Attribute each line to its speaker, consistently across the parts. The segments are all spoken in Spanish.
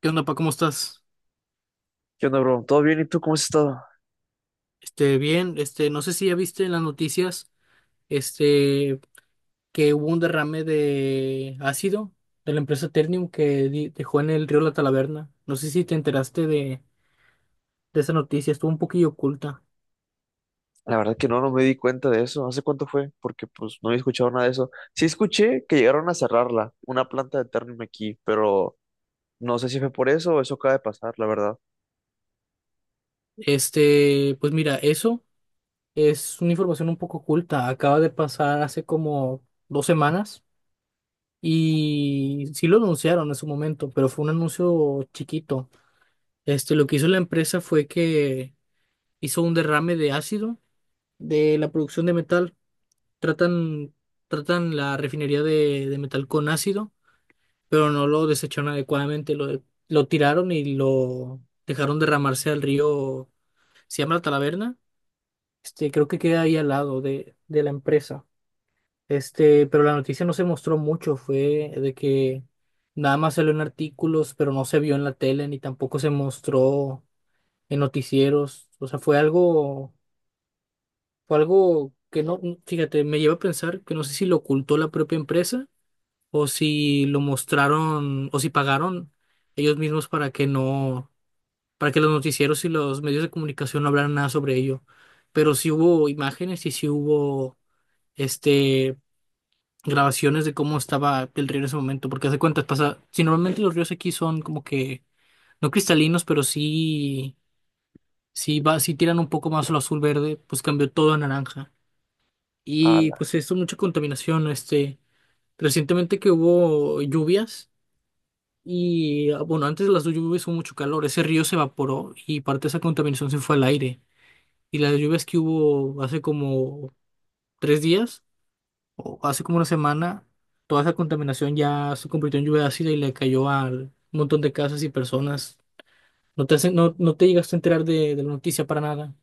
Speaker 1: ¿Qué onda, pa? ¿Cómo estás?
Speaker 2: ¿Qué onda, bro? ¿Todo bien? ¿Y tú cómo has estado?
Speaker 1: Bien, no sé si ya viste en las noticias, este, que hubo un derrame de ácido de la empresa Ternium que dejó en el río La Talaverna. No sé si te enteraste de esa noticia, estuvo un poquillo oculta.
Speaker 2: La verdad que no me di cuenta de eso. ¿Hace cuánto fue? Porque pues no había escuchado nada de eso. Sí escuché que llegaron a cerrarla, una planta de Ternium aquí, pero no sé si fue por eso o eso acaba de pasar, la verdad.
Speaker 1: Pues mira, eso es una información un poco oculta. Acaba de pasar hace como dos semanas y sí lo anunciaron en su momento, pero fue un anuncio chiquito. Lo que hizo la empresa fue que hizo un derrame de ácido de la producción de metal. Tratan, tratan la refinería de metal con ácido, pero no lo desecharon adecuadamente. Lo tiraron y lo dejaron derramarse al río. Se llama La Talaverna. Creo que queda ahí al lado de la empresa. Pero la noticia no se mostró mucho. Fue de que nada más salió en artículos, pero no se vio en la tele ni tampoco se mostró en noticieros. O sea, fue algo. Fue algo que no, fíjate, me lleva a pensar que no sé si lo ocultó la propia empresa o si lo mostraron o si pagaron ellos mismos para que no, para que los noticieros y los medios de comunicación no hablaran nada sobre ello. Pero sí hubo imágenes y sí hubo este grabaciones de cómo estaba el río en ese momento, porque hace cuentas pasa, si normalmente los ríos aquí son como que no cristalinos, pero sí sí tiran un poco más a lo azul verde, pues cambió todo a naranja. Y
Speaker 2: Ala.
Speaker 1: pues se hizo mucha contaminación. Recientemente que hubo lluvias y bueno, antes de las lluvias hubo mucho calor, ese río se evaporó y parte de esa contaminación se fue al aire. Y las lluvias que hubo hace como tres días o hace como una semana, toda esa contaminación ya se convirtió en lluvia ácida y le cayó a un montón de casas y personas. No te llegaste a enterar de la noticia para nada.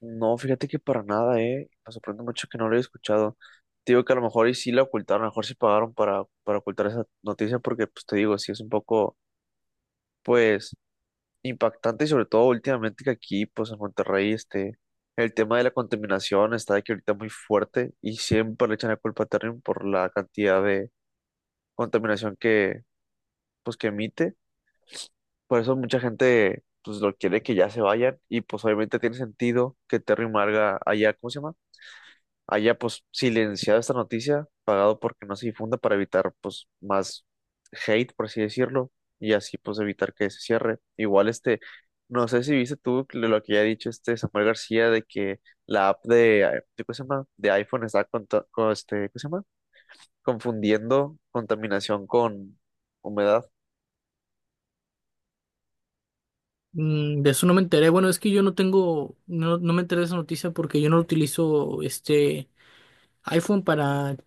Speaker 2: No, fíjate que para nada, ¿eh? Me sorprende mucho que no lo haya escuchado. Te digo que a lo mejor y sí la ocultaron, a lo mejor sí pagaron para ocultar esa noticia porque pues te digo, sí es un poco, pues impactante y sobre todo últimamente que aquí, pues en Monterrey, el tema de la contaminación está de que ahorita muy fuerte y siempre le echan la culpa a Ternium por la cantidad de contaminación que, pues, que emite. Por eso mucha gente, pues, lo quiere que ya se vayan y pues obviamente tiene sentido que Ternium haga allá, ¿cómo se llama? Haya pues silenciado esta noticia, pagado porque no se difunda para evitar pues más hate, por así decirlo, y así pues evitar que se cierre. Igual este, no sé si viste tú lo que ya ha dicho este Samuel García de que la app de, ¿cómo se llama? De iPhone está conta- con, este, ¿cómo se llama? Confundiendo contaminación con humedad.
Speaker 1: De eso no me enteré. Bueno, es que yo no tengo, no, no me enteré de esa noticia porque yo no utilizo este iPhone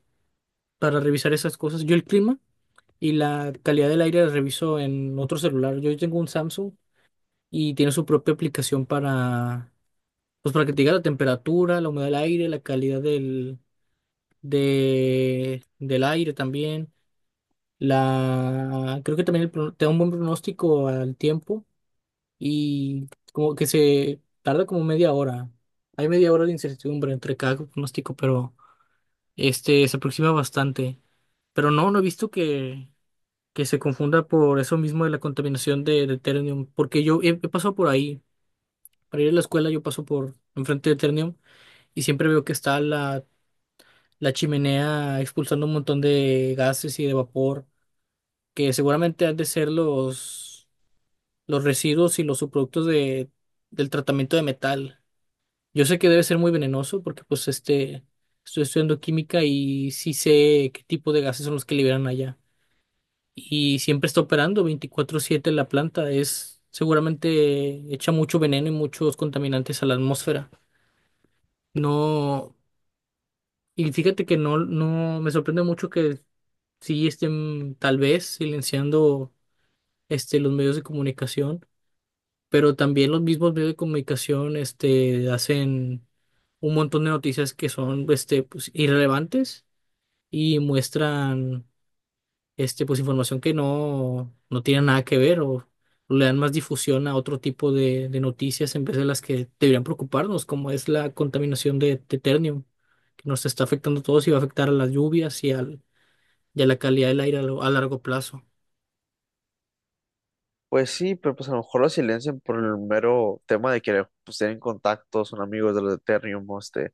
Speaker 1: para revisar esas cosas. Yo el clima y la calidad del aire la reviso en otro celular. Yo tengo un Samsung y tiene su propia aplicación pues para que te diga la temperatura, la humedad del aire, la calidad del aire también. La, creo que también el te da un buen pronóstico al tiempo y como que se tarda como media hora. Hay media hora de incertidumbre entre cada pronóstico, pero se aproxima bastante. Pero no he visto que se confunda por eso mismo de la contaminación de Ternium, porque he pasado por ahí, para ir a la escuela yo paso por enfrente de Ternium y siempre veo que está la chimenea expulsando un montón de gases y de vapor, que seguramente han de ser los residuos y los subproductos del tratamiento de metal. Yo sé que debe ser muy venenoso porque pues estoy estudiando química y sí sé qué tipo de gases son los que liberan allá. Y siempre está operando 24/7 la planta. Es seguramente echa mucho veneno y muchos contaminantes a la atmósfera. No, y fíjate que no, no, me sorprende mucho que sí estén tal vez silenciando los medios de comunicación, pero también los mismos medios de comunicación hacen un montón de noticias que son pues, irrelevantes y muestran pues información que no, no tiene nada que ver o le dan más difusión a otro tipo de noticias en vez de las que deberían preocuparnos, como es la contaminación de ternium, que nos está afectando a todos y va a afectar a las lluvias y a la calidad del aire a largo plazo.
Speaker 2: Pues sí, pero pues a lo mejor lo silencian por el mero tema de que pues tienen contactos, son amigos de los de Ethereum, o este,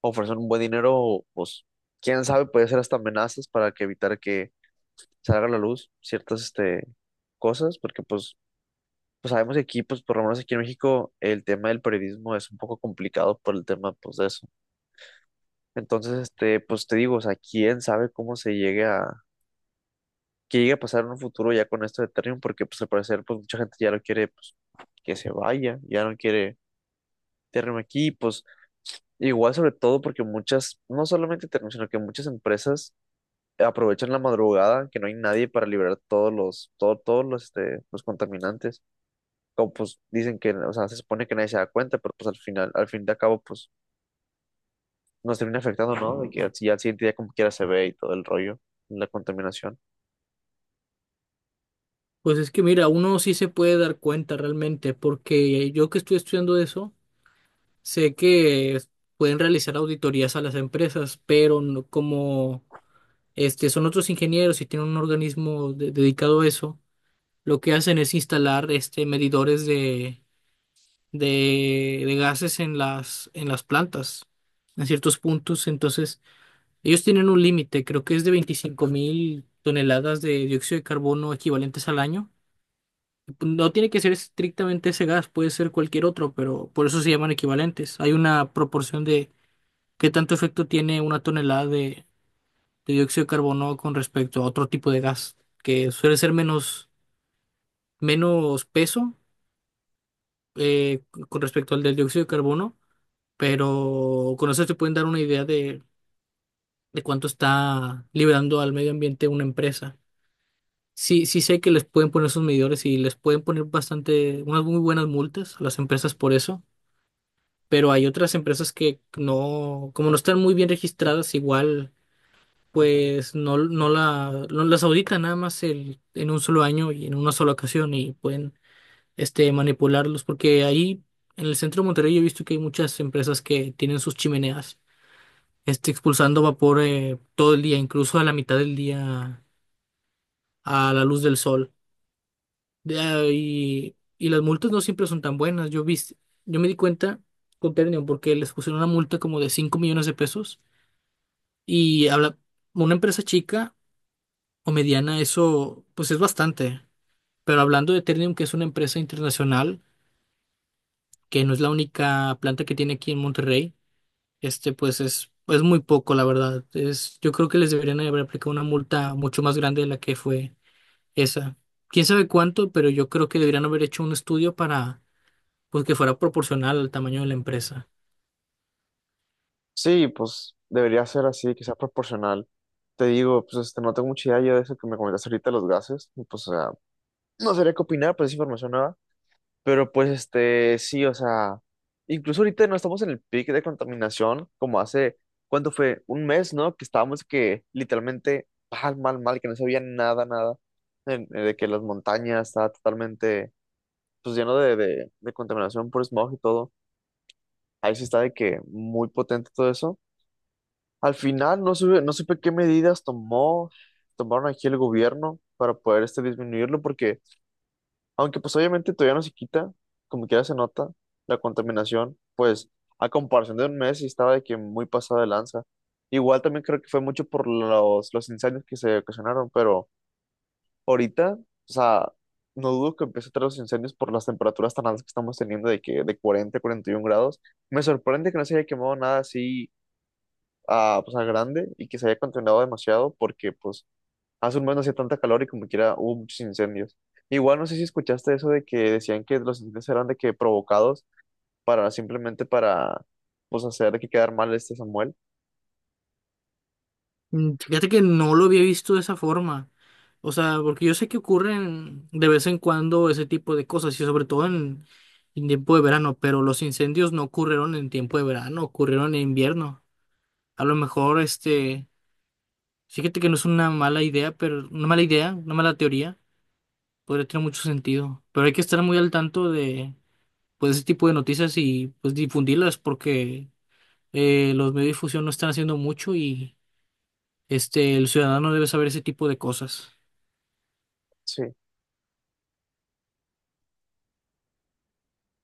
Speaker 2: ofrecer un buen dinero, pues, quién sabe, puede ser hasta amenazas para que evitar que salga a la luz ciertas, este, cosas, porque pues, pues sabemos que aquí, pues, por lo menos aquí en México, el tema del periodismo es un poco complicado por el tema, pues, de eso. Entonces, este, pues te digo, o sea, quién sabe cómo se llegue a, qué llegue a pasar en un futuro ya con esto de Ethereum, porque pues al parecer, pues, mucha gente ya lo quiere, pues, que se vaya, ya no quiere Ethereum aquí, pues, igual sobre todo porque muchas, no solamente Ethereum, sino que muchas empresas aprovechan la madrugada, que no hay nadie para liberar todos los, todo- todos los, este, los contaminantes. Como pues dicen que, o sea, se supone que nadie se da cuenta, pero pues al final, al fin de cabo, pues nos termina afectando, ¿no? De que al- ya al siguiente día como quiera se ve y todo el rollo, la contaminación.
Speaker 1: Pues es que mira, uno sí se puede dar cuenta realmente, porque yo que estoy estudiando eso, sé que pueden realizar auditorías a las empresas, pero como son otros ingenieros y tienen un dedicado a eso, lo que hacen es instalar medidores de gases en en las plantas, en ciertos puntos. Entonces, ellos tienen un límite, creo que es de 25.000 toneladas de dióxido de carbono equivalentes al año. No tiene que ser estrictamente ese gas, puede ser cualquier otro, pero por eso se llaman equivalentes. Hay una proporción de qué tanto efecto tiene una tonelada de dióxido de carbono con respecto a otro tipo de gas, que suele ser menos, menos peso eh, con respecto al del dióxido de carbono, pero con eso te pueden dar una idea de cuánto está liberando al medio ambiente una empresa. Sí sé que les pueden poner sus medidores y les pueden poner bastante, unas muy buenas multas a las empresas por eso, pero hay otras empresas que no, como no están muy bien registradas, igual pues no las auditan nada más en un solo año y en una sola ocasión y pueden manipularlos, porque ahí en el centro de Monterrey yo he visto que hay muchas empresas que tienen sus chimeneas, expulsando vapor todo el día, incluso a la mitad del día, a la luz del sol. Y las multas no siempre son tan buenas. Yo me di cuenta con Ternium porque les pusieron una multa como de $5.000.000 y habla, una empresa chica o mediana, eso pues es bastante. Pero hablando de Ternium, que es una empresa internacional, que no es la única planta que tiene aquí en Monterrey, pues es muy poco, la verdad. Es, yo creo que les deberían haber aplicado una multa mucho más grande de la que fue esa. Quién sabe cuánto, pero yo creo que deberían haber hecho un estudio para pues que fuera proporcional al tamaño de la empresa.
Speaker 2: Sí, pues debería ser así, que sea proporcional. Te digo, pues este, no tengo mucha idea yo de eso que me comentaste ahorita, los gases, y, pues, o sea, no sabría qué opinar, pues es información nueva. Pero pues este, sí, o sea, incluso ahorita no estamos en el pic de contaminación como hace, ¿cuánto fue? Un mes, ¿no? Que estábamos que literalmente mal, que no se veía nada, en- de que las montañas estaba totalmente, pues lleno de contaminación por smog y todo. Ahí sí está de que muy potente todo eso. Al final no supe qué medidas tomó, tomaron aquí el gobierno para poder este, disminuirlo, porque aunque pues obviamente todavía no se quita, como quiera se nota la contaminación, pues a comparación de un mes sí estaba de que muy pasada de lanza. Igual también creo que fue mucho por los incendios que se ocasionaron, pero ahorita, o sea, no dudo que empiece a traer los incendios por las temperaturas tan altas que estamos teniendo de que de 40 a 41 grados. Me sorprende que no se haya quemado nada así a, pues, a grande y que se haya contaminado demasiado porque pues hace un mes no hacía tanta calor y como quiera hubo muchos incendios. Igual no sé si escuchaste eso de que decían que los incendios eran de que provocados para simplemente para pues hacer de que quedar mal este Samuel.
Speaker 1: Fíjate que no lo había visto de esa forma. O sea, porque yo sé que ocurren de vez en cuando ese tipo de cosas y sobre todo en tiempo de verano, pero los incendios no ocurrieron en tiempo de verano, ocurrieron en invierno. A lo mejor este Sí, fíjate que no es una mala idea, pero una mala idea, una mala teoría, podría tener mucho sentido. Pero hay que estar muy al tanto de pues ese tipo de noticias y pues difundirlas porque los medios de difusión no están haciendo mucho y el ciudadano debe saber ese tipo de cosas.
Speaker 2: Sí.